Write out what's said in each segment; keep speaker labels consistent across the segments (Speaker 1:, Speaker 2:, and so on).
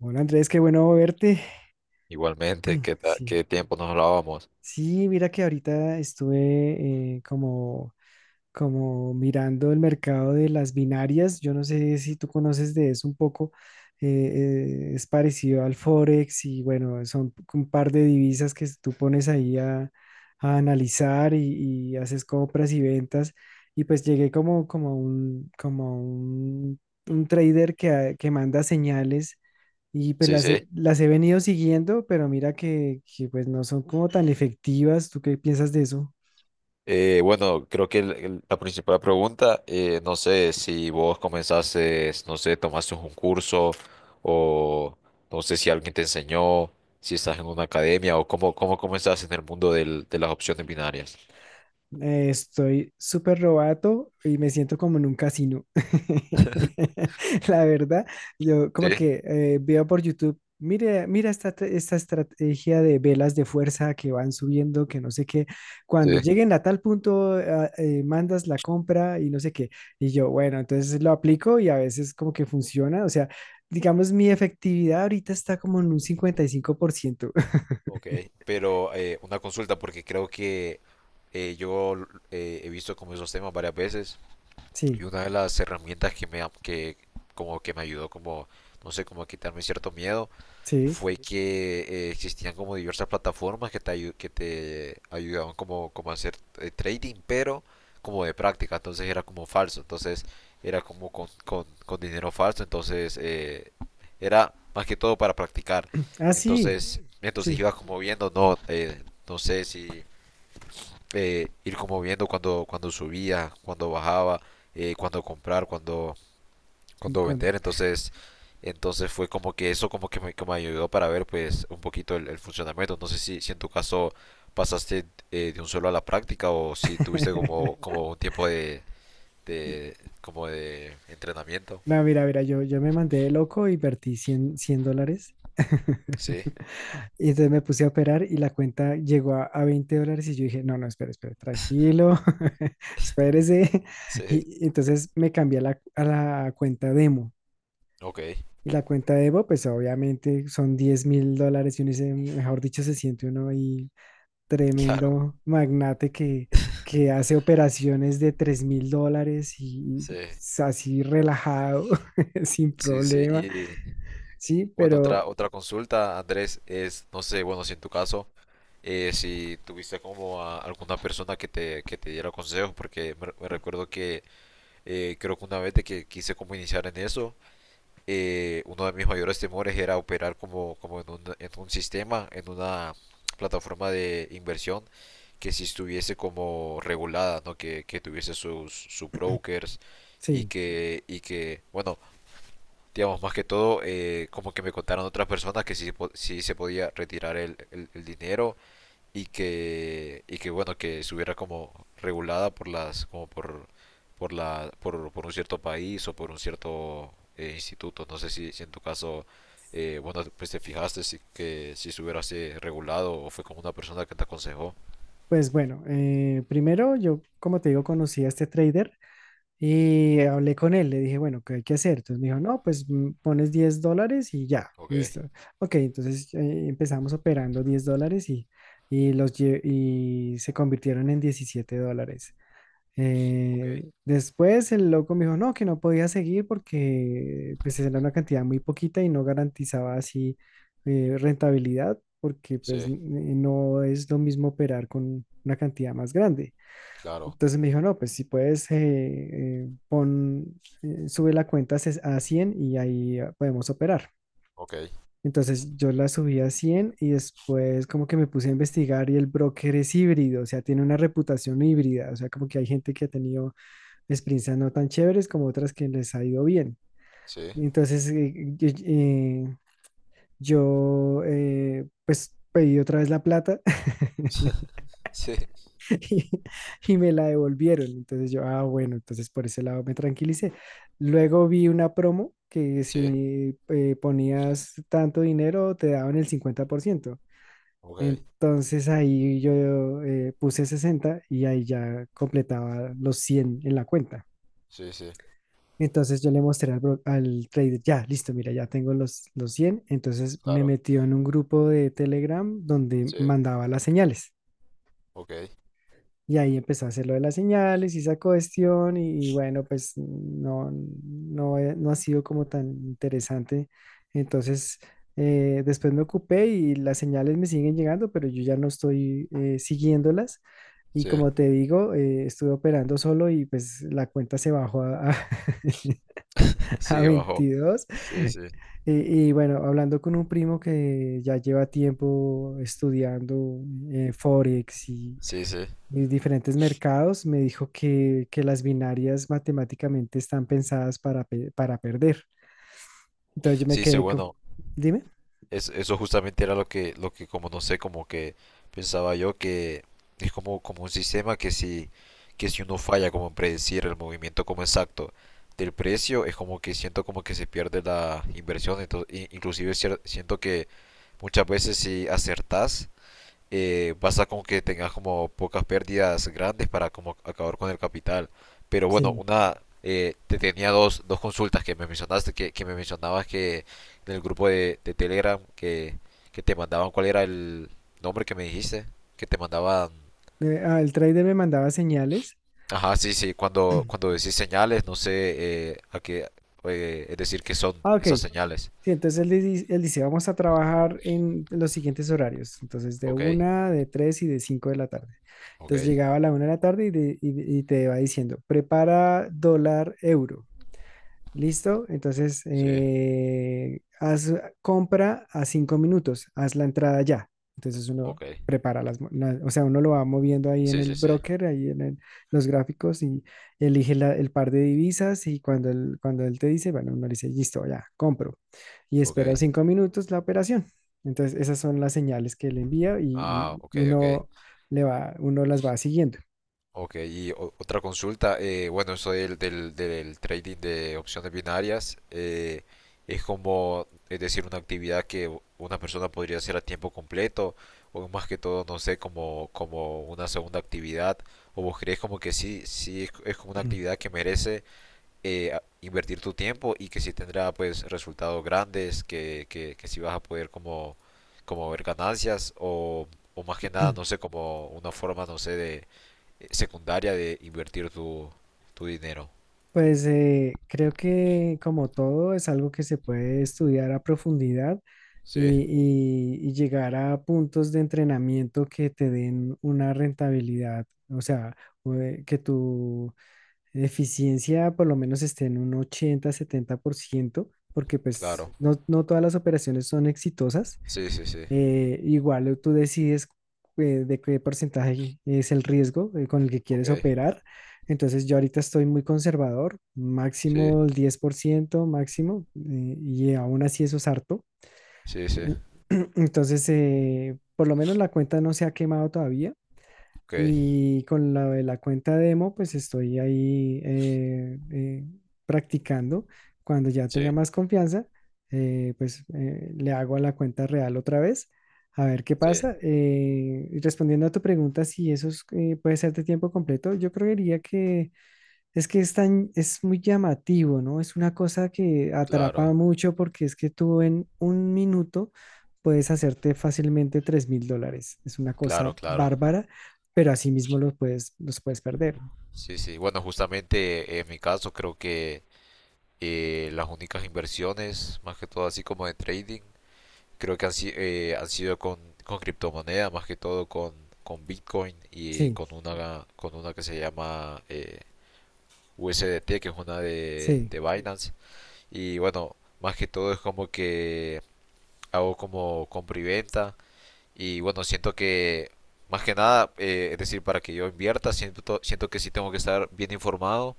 Speaker 1: Hola Andrés, qué bueno verte.
Speaker 2: Igualmente, ¿qué,
Speaker 1: Sí,
Speaker 2: qué tiempo nos hablábamos?
Speaker 1: sí, mira que ahorita estuve como mirando el mercado de las binarias. Yo no sé si tú conoces de eso un poco. Es parecido al Forex y bueno, son un par de divisas que tú pones ahí a analizar y haces compras y ventas. Y pues llegué como un trader que manda señales. Y pues
Speaker 2: Sí,
Speaker 1: las
Speaker 2: sí.
Speaker 1: he, las he venido siguiendo, pero mira que pues no son como tan efectivas. ¿Tú qué piensas de eso?
Speaker 2: Bueno, creo que la principal pregunta, no sé, si vos comenzaste, no sé, tomaste un curso o no sé si alguien te enseñó, si estás en una academia o cómo, cómo comenzaste en el mundo de las opciones binarias.
Speaker 1: Estoy súper robato y me siento como en un casino. La verdad, yo
Speaker 2: Sí,
Speaker 1: como que veo por YouTube, mira esta estrategia de velas de fuerza que van subiendo, que no sé qué. Cuando
Speaker 2: sí.
Speaker 1: lleguen a tal punto, mandas la compra y no sé qué. Y yo, bueno, entonces lo aplico y a veces como que funciona. O sea, digamos, mi efectividad ahorita está como en un 55%.
Speaker 2: Ok, pero una consulta porque creo que yo he visto como esos temas varias veces. Y
Speaker 1: Sí,
Speaker 2: una de las herramientas que me, que, como que me ayudó como, no sé, como a quitarme cierto miedo,
Speaker 1: sí.
Speaker 2: fue que existían como diversas plataformas que te, que te ayudaban como, como a hacer trading, pero como de práctica, entonces era como falso, entonces era como con dinero falso, entonces era más que todo para practicar.
Speaker 1: Ah, sí,
Speaker 2: Entonces, entonces
Speaker 1: sí.
Speaker 2: iba como viendo, no, no sé si ir como viendo cuando, cuando subía, cuando bajaba, cuando comprar, cuando, cuando
Speaker 1: Cuan-
Speaker 2: vender. Entonces, entonces fue como que eso como que me ayudó para ver pues un poquito el funcionamiento. No sé si, si en tu caso pasaste de un solo a la práctica o si tuviste como, como un tiempo de como de entrenamiento.
Speaker 1: No, mira, mira, yo me mandé de loco y vertí cien dólares.
Speaker 2: Sí,
Speaker 1: Y entonces me puse a operar y la cuenta llegó a $20 y yo dije, no, no, espera, espera, tranquilo, espérese.
Speaker 2: sí,
Speaker 1: Y, entonces me cambié a la cuenta demo.
Speaker 2: ok,
Speaker 1: Y la cuenta demo, pues obviamente son $10,000 y uno dice, mejor dicho, se siente uno ahí
Speaker 2: claro,
Speaker 1: tremendo magnate que hace operaciones de $3,000 y
Speaker 2: sí,
Speaker 1: así relajado, sin
Speaker 2: sí, sí.
Speaker 1: problema.
Speaker 2: Y
Speaker 1: Sí,
Speaker 2: bueno, otra,
Speaker 1: pero
Speaker 2: otra consulta, Andrés, es, no sé, bueno, si en tu caso si tuviste como a alguna persona que te diera consejos, porque me recuerdo que creo que una vez de que quise como iniciar en eso, uno de mis mayores temores era operar como, como en un sistema, en una plataforma de inversión que si estuviese como regulada, ¿no? Que tuviese sus, sus brokers
Speaker 1: sí,
Speaker 2: y que, bueno, digamos, más que todo, como que me contaron otras personas que sí, sí se podía retirar el, el dinero y que bueno, que estuviera como regulada por las, como por la, por un cierto país o por un cierto instituto. No sé si, si en tu caso, bueno, pues te fijaste si, que si estuviera así regulado o fue como una persona que te aconsejó.
Speaker 1: pues bueno, primero yo, como te digo, conocí a este trader y hablé con él, le dije, bueno, ¿qué hay que hacer? Entonces me dijo, no, pues pones $10 y ya,
Speaker 2: Ok,
Speaker 1: listo. Ok, entonces empezamos operando $10 y se convirtieron en $17.
Speaker 2: ok,
Speaker 1: Después el loco me dijo, no, que no podía seguir porque pues era una cantidad muy poquita y no garantizaba así rentabilidad porque pues
Speaker 2: sí,
Speaker 1: no es lo mismo operar con una cantidad más grande.
Speaker 2: claro,
Speaker 1: Entonces me dijo, no, pues si puedes, sube la cuenta a a 100 y ahí podemos operar.
Speaker 2: ok,
Speaker 1: Entonces yo la subí a 100 y después como que me puse a investigar y el broker es híbrido, o sea tiene una reputación híbrida, o sea, como que hay gente que ha tenido experiencias no tan chéveres como otras que les ha ido bien.
Speaker 2: sí,
Speaker 1: Entonces, yo, pues pedí otra vez la plata
Speaker 2: sí,
Speaker 1: y, y me la devolvieron. Entonces yo, bueno, entonces por ese lado me tranquilicé. Luego vi una promo que
Speaker 2: sí,
Speaker 1: si ponías tanto dinero te daban el 50%.
Speaker 2: ok,
Speaker 1: Entonces ahí yo puse 60 y ahí ya completaba los 100 en la cuenta.
Speaker 2: sí, sí,
Speaker 1: Entonces yo le mostré al trader, ya, listo, mira, ya tengo los 100. Entonces me
Speaker 2: claro,
Speaker 1: metió en un grupo de Telegram donde
Speaker 2: sí,
Speaker 1: mandaba las señales.
Speaker 2: ok,
Speaker 1: Y ahí empezó a hacer lo de las señales y esa cuestión. Y bueno, pues no, no, no ha sido como tan interesante. Entonces después me ocupé y las señales me siguen llegando, pero yo ya no estoy siguiéndolas. Y
Speaker 2: sí,
Speaker 1: como te digo, estuve operando solo y pues la cuenta se bajó a a
Speaker 2: sí, bajo,
Speaker 1: 22.
Speaker 2: sí, sí,
Speaker 1: Y bueno, hablando con un primo que ya lleva tiempo estudiando Forex y,
Speaker 2: sí, sí,
Speaker 1: y diferentes mercados, me dijo que las binarias matemáticamente están pensadas para perder. Entonces yo me
Speaker 2: sí, sí,
Speaker 1: quedé con,
Speaker 2: bueno,
Speaker 1: dime,
Speaker 2: eso justamente era lo que como no sé, como que pensaba yo que es como, como un sistema que si uno falla como en predecir el movimiento como exacto del precio, es como que siento como que se pierde la inversión, entonces, inclusive siento que muchas veces si acertás, basta con que tengas como pocas pérdidas grandes para como acabar con el capital. Pero bueno,
Speaker 1: sí.
Speaker 2: una te tenía dos, dos consultas que me mencionaste, que me mencionabas que en el grupo de Telegram que te mandaban, ¿cuál era el nombre que me dijiste? Que te mandaban...
Speaker 1: El trader me mandaba señales.
Speaker 2: Ajá, sí, sí, cuando, cuando decís señales, no sé a qué, es decir, qué son
Speaker 1: Ah, ok,
Speaker 2: esas señales.
Speaker 1: sí, entonces él, él dice, vamos a trabajar en los siguientes horarios, entonces de
Speaker 2: Ok,
Speaker 1: una, de tres y de cinco de la tarde.
Speaker 2: ok,
Speaker 1: Entonces llegaba a la una de la tarde y te va diciendo, prepara dólar euro. ¿Listo? Entonces,
Speaker 2: sí,
Speaker 1: haz compra a 5 minutos, haz la entrada ya. Entonces uno
Speaker 2: ok,
Speaker 1: prepara o sea, uno lo va moviendo ahí en
Speaker 2: sí,
Speaker 1: el
Speaker 2: sí, sí,
Speaker 1: broker, ahí en los gráficos y elige el par de divisas y cuando él, te dice, bueno, uno le dice, listo, ya, compro. Y
Speaker 2: ok.
Speaker 1: espera 5 minutos la operación. Entonces, esas son las señales que le envía y,
Speaker 2: Ah, ok,
Speaker 1: y- y
Speaker 2: ok.
Speaker 1: uno le va, uno las va siguiendo.
Speaker 2: Ok, y otra consulta, bueno, eso del, del, del trading de opciones binarias es como, es decir, una actividad que una persona podría hacer a tiempo completo o más que todo, no sé, como, como una segunda actividad o vos crees como que sí, sí es como una actividad que merece invertir tu tiempo y que sí tendrá pues resultados grandes, que sí vas a poder como, como ver ganancias o más que nada, no sé, como una forma, no sé, de secundaria de invertir tu, tu dinero.
Speaker 1: Pues creo que como todo es algo que se puede estudiar a profundidad
Speaker 2: Sí,
Speaker 1: y, y llegar a puntos de entrenamiento que te den una rentabilidad, o sea, que tu eficiencia por lo menos esté en un 80-70%, porque pues
Speaker 2: claro.
Speaker 1: no, no todas las operaciones son exitosas.
Speaker 2: Sí, sí, sí.
Speaker 1: Igual tú decides de qué porcentaje es el riesgo con el que
Speaker 2: Ok.
Speaker 1: quieres operar. Entonces yo ahorita estoy muy conservador,
Speaker 2: Sí,
Speaker 1: máximo el 10% máximo, y aún así eso es harto.
Speaker 2: sí, sí.
Speaker 1: Entonces, por lo menos la cuenta no se ha quemado todavía.
Speaker 2: Ok.
Speaker 1: Y con la de la cuenta demo, pues estoy ahí practicando. Cuando ya
Speaker 2: Sí,
Speaker 1: tenga más confianza, pues le hago a la cuenta real otra vez, a ver qué
Speaker 2: sí.
Speaker 1: pasa. Y respondiendo a tu pregunta, si eso es, puede ser de tiempo completo, yo creería que es que es muy llamativo, ¿no? Es una cosa que atrapa
Speaker 2: Claro,
Speaker 1: mucho porque es que tú en un minuto puedes hacerte fácilmente $3,000. Es una
Speaker 2: claro,
Speaker 1: cosa
Speaker 2: claro.
Speaker 1: bárbara, pero asimismo los puedes perder.
Speaker 2: Sí, sí. Bueno, justamente en mi caso creo que las únicas inversiones, más que todo así como de trading, creo que han, han sido con criptomonedas, más que todo con Bitcoin y
Speaker 1: Sí,
Speaker 2: con una que se llama USDT, que es una
Speaker 1: sí,
Speaker 2: de Binance. Y bueno, más que todo es como que hago como compra y venta. Y bueno, siento que más que nada, es decir, para que yo invierta, siento, siento que sí tengo que estar bien informado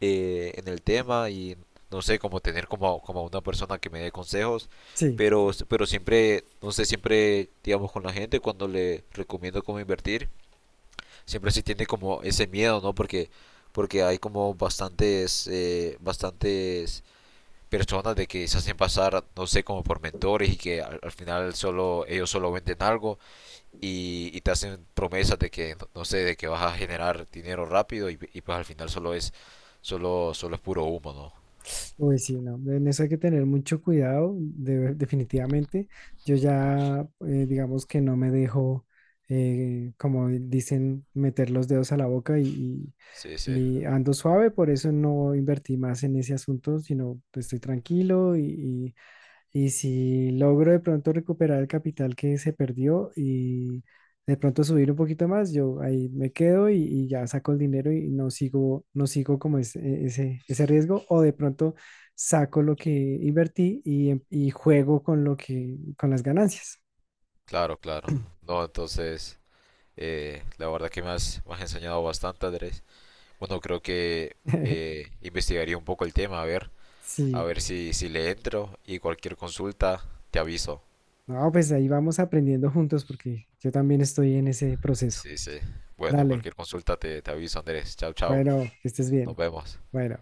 Speaker 2: en el tema y no sé, como tener como, como una persona que me dé consejos.
Speaker 1: sí.
Speaker 2: Pero siempre, no sé, siempre, digamos, con la gente cuando le recomiendo cómo invertir, siempre sí tiene como ese miedo, ¿no? Porque, porque hay como bastantes, bastantes personas de que se hacen pasar, no sé, como por mentores y que al, al final solo ellos solo venden algo y te hacen promesas de que, no sé, de que vas a generar dinero rápido y pues al final solo es, solo, solo es puro humo, ¿no?
Speaker 1: Uy, sí, no, en eso hay que tener mucho cuidado, definitivamente. Yo ya, digamos que no me dejo, como dicen, meter los dedos a la boca y,
Speaker 2: Sí,
Speaker 1: y-
Speaker 2: sí,
Speaker 1: y ando suave, por eso no invertí más en ese asunto, sino pues, estoy tranquilo y si logro de pronto recuperar el capital que se perdió y de pronto subir un poquito más, yo ahí me quedo y ya saco el dinero y no sigo como ese riesgo. O de pronto saco lo que invertí y juego con las ganancias.
Speaker 2: claro, claro. No, entonces, la verdad que me has enseñado bastante, Andrés. Bueno, creo que investigaría un poco el tema, a
Speaker 1: Sí,
Speaker 2: ver si, si le entro y cualquier consulta te aviso.
Speaker 1: no, pues ahí vamos aprendiendo juntos porque yo también estoy en ese proceso.
Speaker 2: Sí, sí. Bueno,
Speaker 1: Dale,
Speaker 2: cualquier consulta te, te aviso, Andrés. Chao, chao.
Speaker 1: bueno, que estés
Speaker 2: Nos
Speaker 1: bien.
Speaker 2: vemos.
Speaker 1: Bueno.